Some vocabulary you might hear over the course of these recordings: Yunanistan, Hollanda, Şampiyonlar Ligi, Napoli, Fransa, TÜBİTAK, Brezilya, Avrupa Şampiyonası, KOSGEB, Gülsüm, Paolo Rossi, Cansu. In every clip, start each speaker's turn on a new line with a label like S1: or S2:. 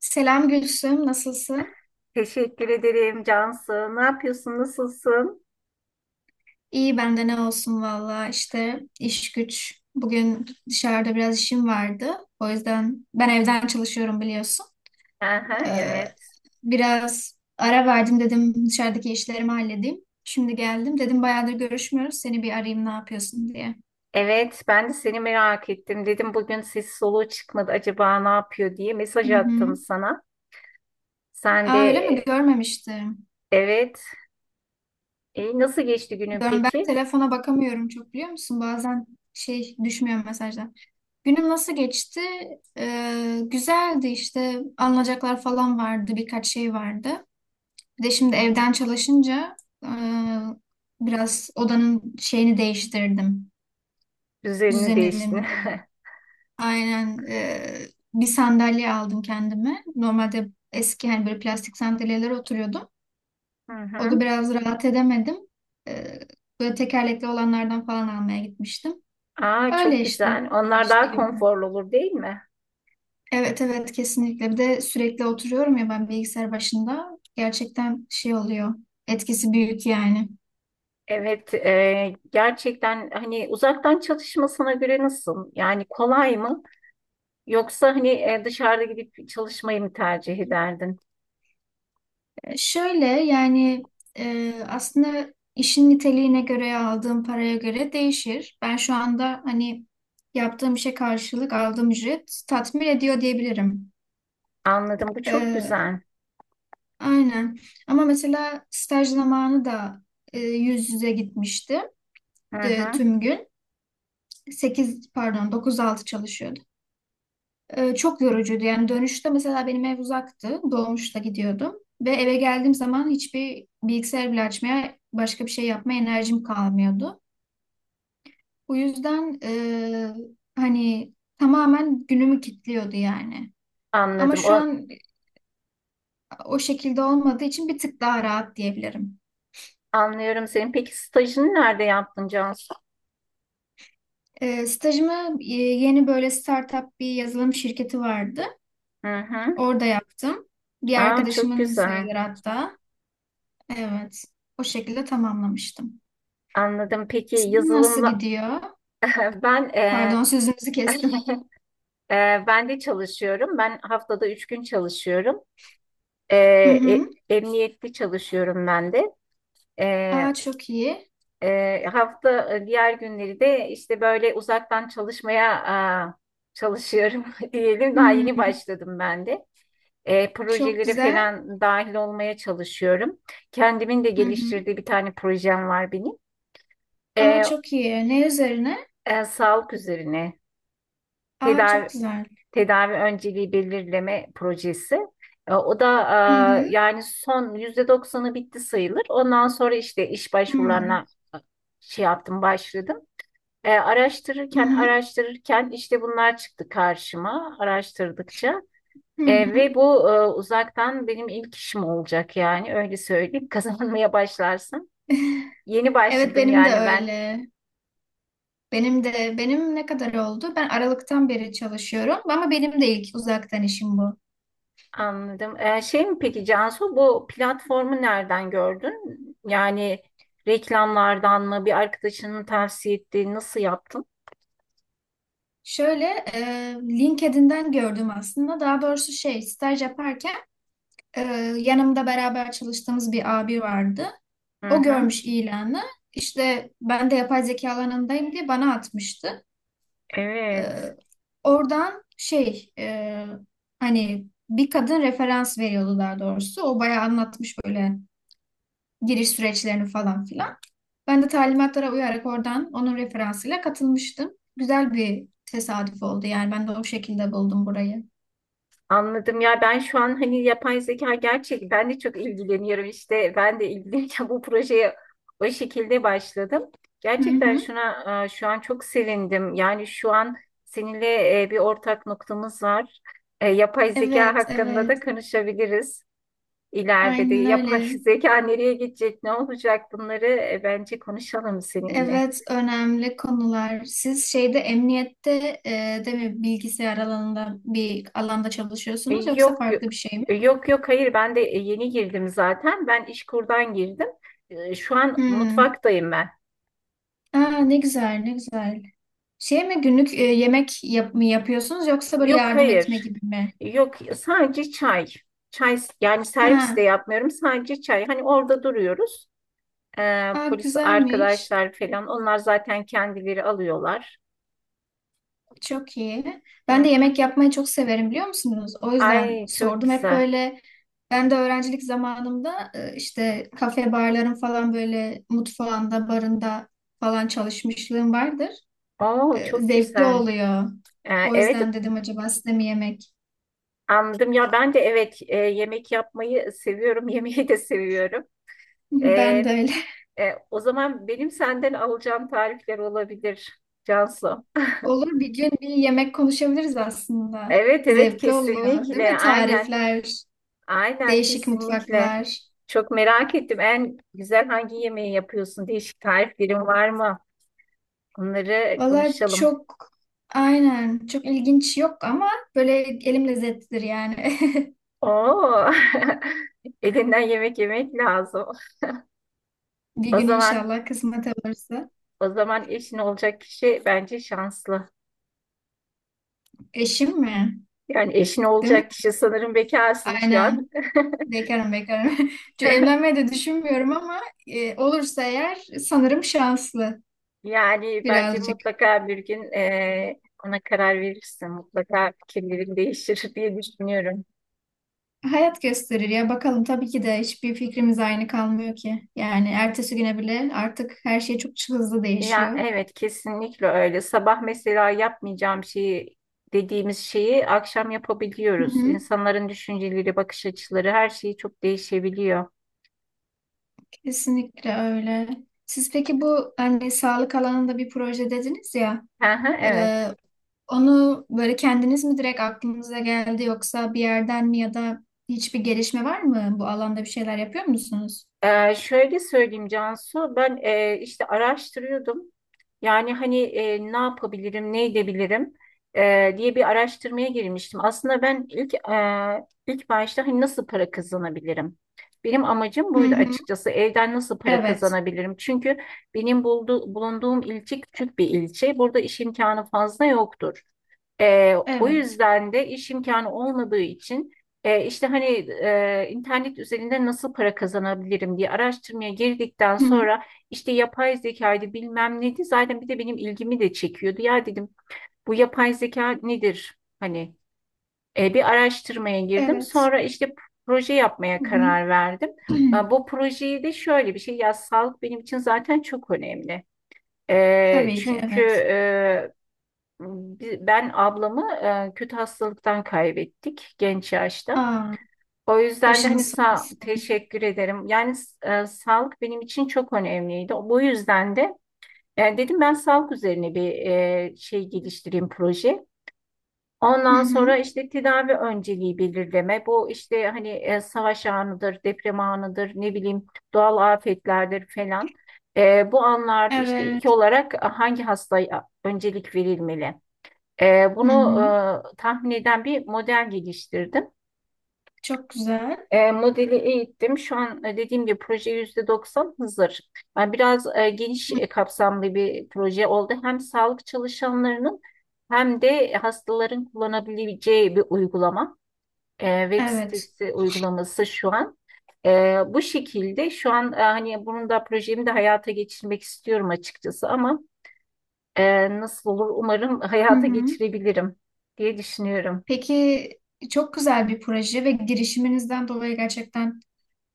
S1: Selam Gülsüm, nasılsın?
S2: Teşekkür ederim Cansu. Ne yapıyorsun? Nasılsın?
S1: İyi bende ne olsun valla işte iş güç. Bugün dışarıda biraz işim vardı. O yüzden ben evden çalışıyorum biliyorsun.
S2: Aha,
S1: Ee,
S2: evet.
S1: Biraz ara verdim dedim dışarıdaki işlerimi halledeyim. Şimdi geldim dedim bayağıdır görüşmüyoruz seni bir arayayım ne yapıyorsun diye.
S2: Evet, ben de seni merak ettim. Dedim bugün ses soluğu çıkmadı. Acaba ne yapıyor diye mesaj
S1: Hı hı.
S2: attım sana. Sen de
S1: Aa, öyle mi? Görmemiştim.
S2: evet. E, nasıl geçti günün
S1: Ben
S2: peki?
S1: telefona bakamıyorum çok biliyor musun? Bazen şey düşmüyor mesajlar. Günüm nasıl geçti? Güzeldi işte alınacaklar falan vardı birkaç şey vardı. Bir de şimdi evden çalışınca e, biraz odanın şeyini değiştirdim.
S2: Düzenini
S1: Düzenini
S2: değiştin.
S1: mi de. Aynen, bir sandalye aldım kendime. Normalde eski hani böyle plastik sandalyelere oturuyordum.
S2: Hı
S1: O
S2: hı.
S1: da biraz rahat edemedim. E, Böyle tekerlekli olanlardan falan almaya gitmiştim.
S2: Aa,
S1: Öyle
S2: çok
S1: işte
S2: güzel. Onlar daha
S1: geçti. Gibi.
S2: konforlu olur, değil mi?
S1: Evet evet kesinlikle. Bir de sürekli oturuyorum ya ben bilgisayar başında. Gerçekten şey oluyor. Etkisi büyük yani.
S2: Evet, gerçekten hani uzaktan çalışmasına göre nasıl? Yani kolay mı? Yoksa hani dışarıda gidip çalışmayı mı tercih ederdin?
S1: Şöyle yani aslında işin niteliğine göre aldığım paraya göre değişir. Ben şu anda hani yaptığım işe karşılık aldığım ücret tatmin ediyor diyebilirim.
S2: Anladım. Bu çok
S1: E,
S2: güzel.
S1: aynen. Ama mesela staj zamanı da yüz yüze gitmişti
S2: Hı hı.
S1: tüm gün. 8 pardon dokuz altı çalışıyordum. Çok yorucuydu. Yani dönüşte mesela benim ev uzaktı. Dolmuşta gidiyordum. Ve eve geldiğim zaman hiçbir bilgisayar bile açmaya, başka bir şey yapmaya enerjim kalmıyordu. Bu yüzden hani tamamen günümü kilitliyordu yani. Ama
S2: Anladım.
S1: şu an o şekilde olmadığı için bir tık daha rahat diyebilirim.
S2: Anlıyorum senin. Peki stajını nerede yaptın Cansu?
S1: Stajımı, yeni böyle startup bir yazılım şirketi vardı.
S2: Hı hı.
S1: Orada yaptım. Bir
S2: Aa, çok
S1: arkadaşımın
S2: güzel.
S1: sayılır hatta. Evet. O şekilde tamamlamıştım.
S2: Anladım. Peki
S1: Sizin nasıl
S2: yazılımla
S1: gidiyor?
S2: ben
S1: Pardon sözünüzü kestim.
S2: ben de çalışıyorum. Ben haftada üç gün çalışıyorum.
S1: Hı hı.
S2: Emniyetli çalışıyorum ben de. E,
S1: Aa, çok iyi.
S2: Hafta diğer günleri de işte böyle uzaktan çalışmaya çalışıyorum diyelim. Daha yeni
S1: Hmm,
S2: başladım ben de.
S1: çok
S2: Projelere
S1: güzel.
S2: falan dahil olmaya çalışıyorum. Kendimin de
S1: Hı hı.
S2: geliştirdiği bir tane projem var benim.
S1: Aa,
S2: E,
S1: çok iyi. Ne üzerine?
S2: sağlık üzerine
S1: Aa,
S2: tedavi
S1: çok güzel.
S2: tedavi önceliği belirleme projesi. O da
S1: Hı hı.
S2: yani son %90'ı bitti sayılır. Ondan sonra işte iş
S1: Hmm.
S2: başvurularına şey yaptım, başladım.
S1: Hı
S2: Araştırırken
S1: hı.
S2: araştırırken işte bunlar çıktı karşıma araştırdıkça.
S1: Hı hı.
S2: Ve bu uzaktan benim ilk işim olacak yani öyle söyleyeyim. Kazanmaya başlarsın. Yeni
S1: Evet,
S2: başladım
S1: benim de
S2: yani ben
S1: öyle. Benim de benim ne kadar oldu? Ben Aralık'tan beri çalışıyorum ama benim de ilk uzaktan işim bu.
S2: anladım. Şey mi peki Cansu bu platformu nereden gördün? Yani reklamlardan mı, bir arkadaşının tavsiye ettiği, nasıl yaptın?
S1: Şöyle, e, LinkedIn'den gördüm aslında. Daha doğrusu şey staj yaparken e, yanımda beraber çalıştığımız bir abi vardı.
S2: Hı
S1: O
S2: hı.
S1: görmüş ilanı. İşte ben de yapay zeka alanındayım diye bana atmıştı.
S2: Evet.
S1: Ee, Oradan şey, hani bir kadın referans veriyordu daha doğrusu. O bayağı anlatmış böyle giriş süreçlerini falan filan. Ben de talimatlara uyarak oradan onun referansıyla katılmıştım. Güzel bir tesadüf oldu yani ben de o şekilde buldum burayı.
S2: Anladım ya, ben şu an hani yapay zeka gerçek ben de çok ilgileniyorum işte ben de ilgilenirken bu projeye o şekilde başladım.
S1: Hı
S2: Gerçekten
S1: hı.
S2: şuna şu an çok sevindim. Yani şu an seninle bir ortak noktamız var. E, Yapay zeka
S1: Evet,
S2: hakkında
S1: evet.
S2: da konuşabiliriz. İleride de
S1: Aynen
S2: yapay
S1: öyle.
S2: zeka nereye gidecek, ne olacak bunları bence konuşalım seninle.
S1: Evet, önemli konular. Siz şeyde emniyette e, de mi bilgisayar alanında bir alanda
S2: E,
S1: çalışıyorsunuz yoksa
S2: Yok yok,
S1: farklı bir şey mi?
S2: Yok, hayır ben de yeni girdim zaten, ben İşkur'dan girdim. Şu an
S1: Hmm.
S2: mutfaktayım ben.
S1: Aa, ne güzel, ne güzel. Şey mi günlük yemek yap mı yapıyorsunuz yoksa böyle
S2: Yok,
S1: yardım etme
S2: hayır,
S1: gibi mi?
S2: yok, sadece çay, çay, yani servis de
S1: Ha,
S2: yapmıyorum, sadece çay, hani orada duruyoruz.
S1: aa,
S2: Polis
S1: güzelmiş.
S2: arkadaşlar falan onlar zaten kendileri alıyorlar.
S1: Çok iyi.
S2: Hı
S1: Ben de
S2: hı.
S1: yemek yapmayı çok severim biliyor musunuz? O yüzden
S2: Ay, çok
S1: sordum. Hep
S2: güzel.
S1: böyle ben de öğrencilik zamanımda işte kafe barların falan böyle mutfağında, barında falan çalışmışlığım vardır.
S2: Oo, çok
S1: Zevkli
S2: güzel.
S1: oluyor. O
S2: Evet,
S1: yüzden dedim acaba size mi yemek?
S2: anladım ya, ben de evet, yemek yapmayı seviyorum, yemeği de seviyorum.
S1: Ben de
S2: Ee,
S1: öyle.
S2: O zaman benim senden alacağım tarifler olabilir Cansu.
S1: Olur, bir gün bir yemek konuşabiliriz aslında.
S2: Evet, evet,
S1: Zevkli oluyor, değil
S2: kesinlikle,
S1: mi?
S2: aynen
S1: Tarifler,
S2: aynen,
S1: değişik
S2: kesinlikle.
S1: mutfaklar.
S2: Çok merak ettim, en güzel hangi yemeği yapıyorsun? Değişik tariflerin var mı? Bunları
S1: Valla
S2: konuşalım.
S1: çok aynen çok ilginç yok ama böyle elim lezzetlidir yani.
S2: Oo. Elinden yemek yemek lazım.
S1: Bir
S2: O
S1: gün
S2: zaman,
S1: inşallah kısmet olursa.
S2: o zaman eşin olacak kişi bence şanslı.
S1: Eşim mi?
S2: Yani eşin
S1: Değil mi?
S2: olacak kişi, sanırım bekarsın şu
S1: Aynen.
S2: an.
S1: Bekarım bekarım. Çünkü evlenmeyi de düşünmüyorum ama olursa eğer sanırım şanslı
S2: Yani bence
S1: birazcık.
S2: mutlaka bir gün ona karar verirsin. Mutlaka fikirlerin değişir diye düşünüyorum.
S1: Hayat gösterir ya bakalım tabii ki de hiçbir fikrimiz aynı kalmıyor ki. Yani ertesi güne bile artık her şey çok hızlı
S2: Ya
S1: değişiyor.
S2: evet, kesinlikle öyle. Sabah mesela yapmayacağım şeyi dediğimiz şeyi akşam
S1: Hı
S2: yapabiliyoruz.
S1: hı.
S2: İnsanların düşünceleri, bakış açıları, her şeyi çok değişebiliyor.
S1: Kesinlikle öyle. Siz peki bu hani sağlık alanında bir proje dediniz ya,
S2: Hı hı, evet.
S1: e, onu böyle kendiniz mi direkt aklınıza geldi yoksa bir yerden mi, ya da hiçbir gelişme var mı? Bu alanda bir şeyler yapıyor musunuz?
S2: Şöyle söyleyeyim Cansu, ben işte araştırıyordum. Yani hani ne yapabilirim, ne edebilirim diye bir araştırmaya girmiştim. Aslında ben ilk başta hani nasıl para kazanabilirim? Benim amacım
S1: Hı
S2: buydu
S1: hı.
S2: açıkçası. Evden nasıl para
S1: Evet,
S2: kazanabilirim? Çünkü benim bulunduğum ilçe küçük bir ilçe. Burada iş imkanı fazla yoktur. O
S1: evet.
S2: yüzden de iş imkanı olmadığı için işte hani internet üzerinde nasıl para kazanabilirim diye araştırmaya girdikten
S1: Hı hı.
S2: sonra işte yapay zekaydı, bilmem neydi, zaten bir de benim ilgimi de çekiyordu. Ya dedim, bu yapay zeka nedir? Hani bir araştırmaya girdim,
S1: Evet.
S2: sonra işte proje yapmaya
S1: Hı
S2: karar verdim.
S1: hı.
S2: Bu projeyi de şöyle bir şey, ya sağlık benim için zaten çok önemli.
S1: Tabii ki
S2: Çünkü
S1: evet.
S2: ben ablamı kötü hastalıktan kaybettik genç yaşta.
S1: Aa,
S2: O yüzden de hani
S1: başınız sağ
S2: sağ,
S1: olsun.
S2: teşekkür ederim. Yani sağlık benim için çok önemliydi. Bu yüzden de dedim ben sağlık üzerine bir şey geliştireyim, proje.
S1: Hı
S2: Ondan sonra
S1: hı.
S2: işte tedavi önceliği belirleme. Bu işte hani savaş anıdır, deprem anıdır, ne bileyim, doğal afetlerdir falan. Bu anlarda işte ilk
S1: Evet.
S2: olarak hangi hastaya öncelik verilmeli?
S1: Hı
S2: Bunu
S1: hı.
S2: tahmin eden bir model geliştirdim.
S1: Çok güzel.
S2: Modeli eğittim. Şu an dediğim gibi proje %90 hazır. Yani biraz geniş,
S1: Hı.
S2: kapsamlı bir proje oldu. Hem sağlık çalışanlarının hem de hastaların kullanabileceği bir uygulama. Web
S1: Evet.
S2: sitesi uygulaması şu an. Bu şekilde şu an hani bunun da projemi de hayata geçirmek istiyorum açıkçası ama nasıl olur, umarım
S1: Hı
S2: hayata
S1: hı.
S2: geçirebilirim diye düşünüyorum.
S1: Peki çok güzel bir proje ve girişiminizden dolayı gerçekten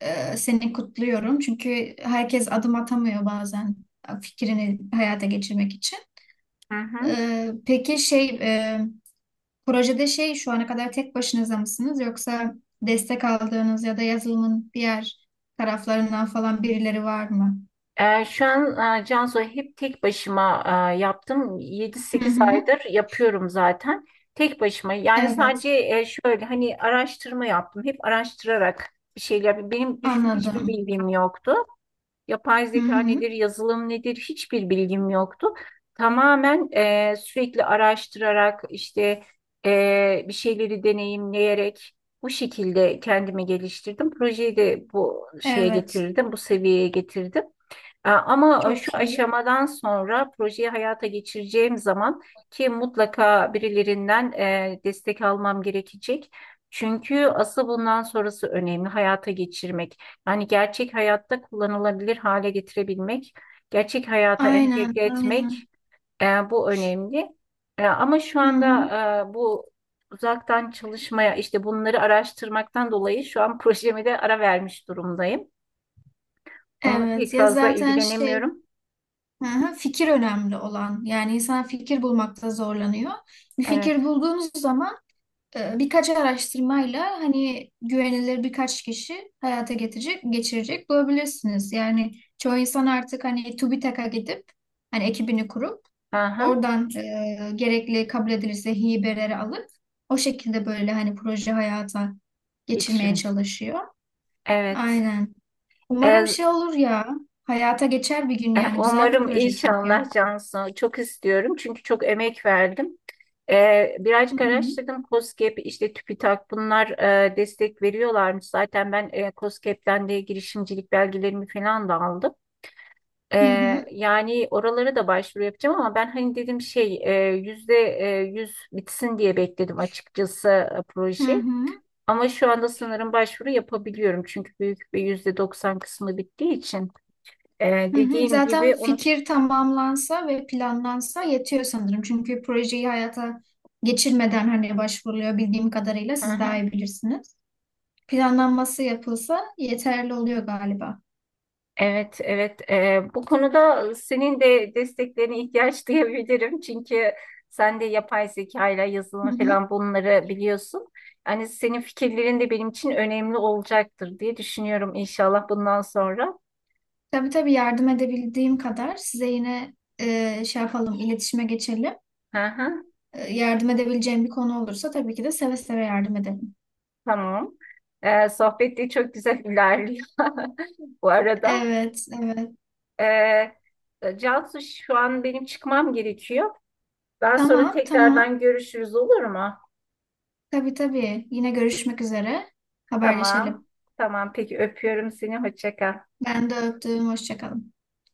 S1: seni kutluyorum. Çünkü herkes adım atamıyor bazen fikrini hayata geçirmek için.
S2: Hı hı.
S1: Peki şey, projede şey şu ana kadar tek başınıza mısınız yoksa destek aldığınız ya da yazılımın diğer taraflarından falan birileri var mı?
S2: Şu an Cansu hep tek başıma yaptım. yedi
S1: Hı
S2: sekiz
S1: hı.
S2: aydır yapıyorum zaten. Tek başıma. Yani
S1: Evet,
S2: sadece şöyle hani araştırma yaptım. Hep araştırarak bir şeyler. Benim düşün hiçbir
S1: anladım.
S2: bilgim yoktu. Yapay
S1: Hı
S2: zeka
S1: hı.
S2: nedir, yazılım nedir, hiçbir bilgim yoktu. Tamamen sürekli araştırarak işte bir şeyleri deneyimleyerek bu şekilde kendimi geliştirdim. Projeyi de bu şeye
S1: Evet,
S2: getirdim, bu seviyeye getirdim. Ama şu
S1: çok iyi.
S2: aşamadan sonra projeyi hayata geçireceğim zaman ki mutlaka birilerinden destek almam gerekecek. Çünkü asıl bundan sonrası önemli, hayata geçirmek. Yani gerçek hayatta kullanılabilir hale getirebilmek, gerçek hayata
S1: Aynen,
S2: entegre etmek,
S1: aynen.
S2: bu önemli. Ama şu
S1: Hı
S2: anda
S1: hı.
S2: bu uzaktan çalışmaya işte bunları araştırmaktan dolayı şu an projemi de ara vermiş durumdayım. Onunla pek
S1: Evet ya
S2: fazla
S1: zaten şey.
S2: ilgilenemiyorum.
S1: Hı hı, fikir önemli olan. Yani insan fikir bulmakta zorlanıyor. Bir
S2: Evet.
S1: fikir bulduğunuz zaman birkaç araştırmayla hani güvenilir birkaç kişi hayata getirecek, geçirecek bulabilirsiniz. Yani çoğu insan artık hani TÜBİTAK'a gidip hani ekibini kurup
S2: Aha,
S1: oradan gerekli kabul edilirse hibeleri alıp o şekilde böyle hani proje hayata geçirmeye
S2: geçirin.
S1: çalışıyor.
S2: Evet.
S1: Aynen.
S2: E,
S1: Umarım şey olur ya. Hayata geçer bir gün yani. Güzel bir
S2: umarım
S1: proje çünkü.
S2: inşallah Cansu. Çok istiyorum çünkü çok emek verdim.
S1: Hı
S2: Birazcık
S1: hı.
S2: araştırdım. KOSGEB, işte TÜBİTAK, bunlar destek veriyorlarmış. Zaten ben KOSGEB'den de girişimcilik belgelerimi falan da aldım.
S1: Hı
S2: E,
S1: hı.
S2: yani oralara da başvuru yapacağım ama ben hani dedim şey yüz bitsin diye bekledim açıkçası
S1: Hı
S2: proje.
S1: hı.
S2: Ama şu anda sanırım başvuru yapabiliyorum. Çünkü büyük bir %90 kısmı bittiği için.
S1: Hı hı.
S2: Dediğim
S1: Zaten
S2: gibi onu...
S1: fikir tamamlansa ve planlansa yetiyor sanırım. Çünkü projeyi hayata geçirmeden hani başvuruluyor bildiğim kadarıyla,
S2: Hı
S1: siz
S2: hı.
S1: daha iyi bilirsiniz. Planlanması yapılsa yeterli oluyor galiba.
S2: Evet, evet. Bu konuda senin de desteklerine ihtiyaç duyabilirim. Çünkü sen de yapay zeka ile
S1: Hı
S2: yazılım
S1: hı.
S2: falan bunları biliyorsun. Yani senin fikirlerin de benim için önemli olacaktır diye düşünüyorum inşallah bundan sonra.
S1: Tabii tabii yardım edebildiğim kadar size yine şey yapalım, iletişime geçelim.
S2: Hı hı,
S1: Yardım edebileceğim bir konu olursa tabii ki de seve seve yardım edelim.
S2: tamam. Sohbet de çok güzel ilerliyor bu arada.
S1: Evet, evet.
S2: Ee, Cansu şu an benim çıkmam gerekiyor. Daha sonra
S1: Tamam, tamam.
S2: tekrardan görüşürüz, olur mu?
S1: Tabii tabii. Yine görüşmek üzere. Haberleşelim.
S2: Tamam. Tamam, peki öpüyorum seni. Hoşça kal.
S1: Ben de öptüm. Hoşça kalın.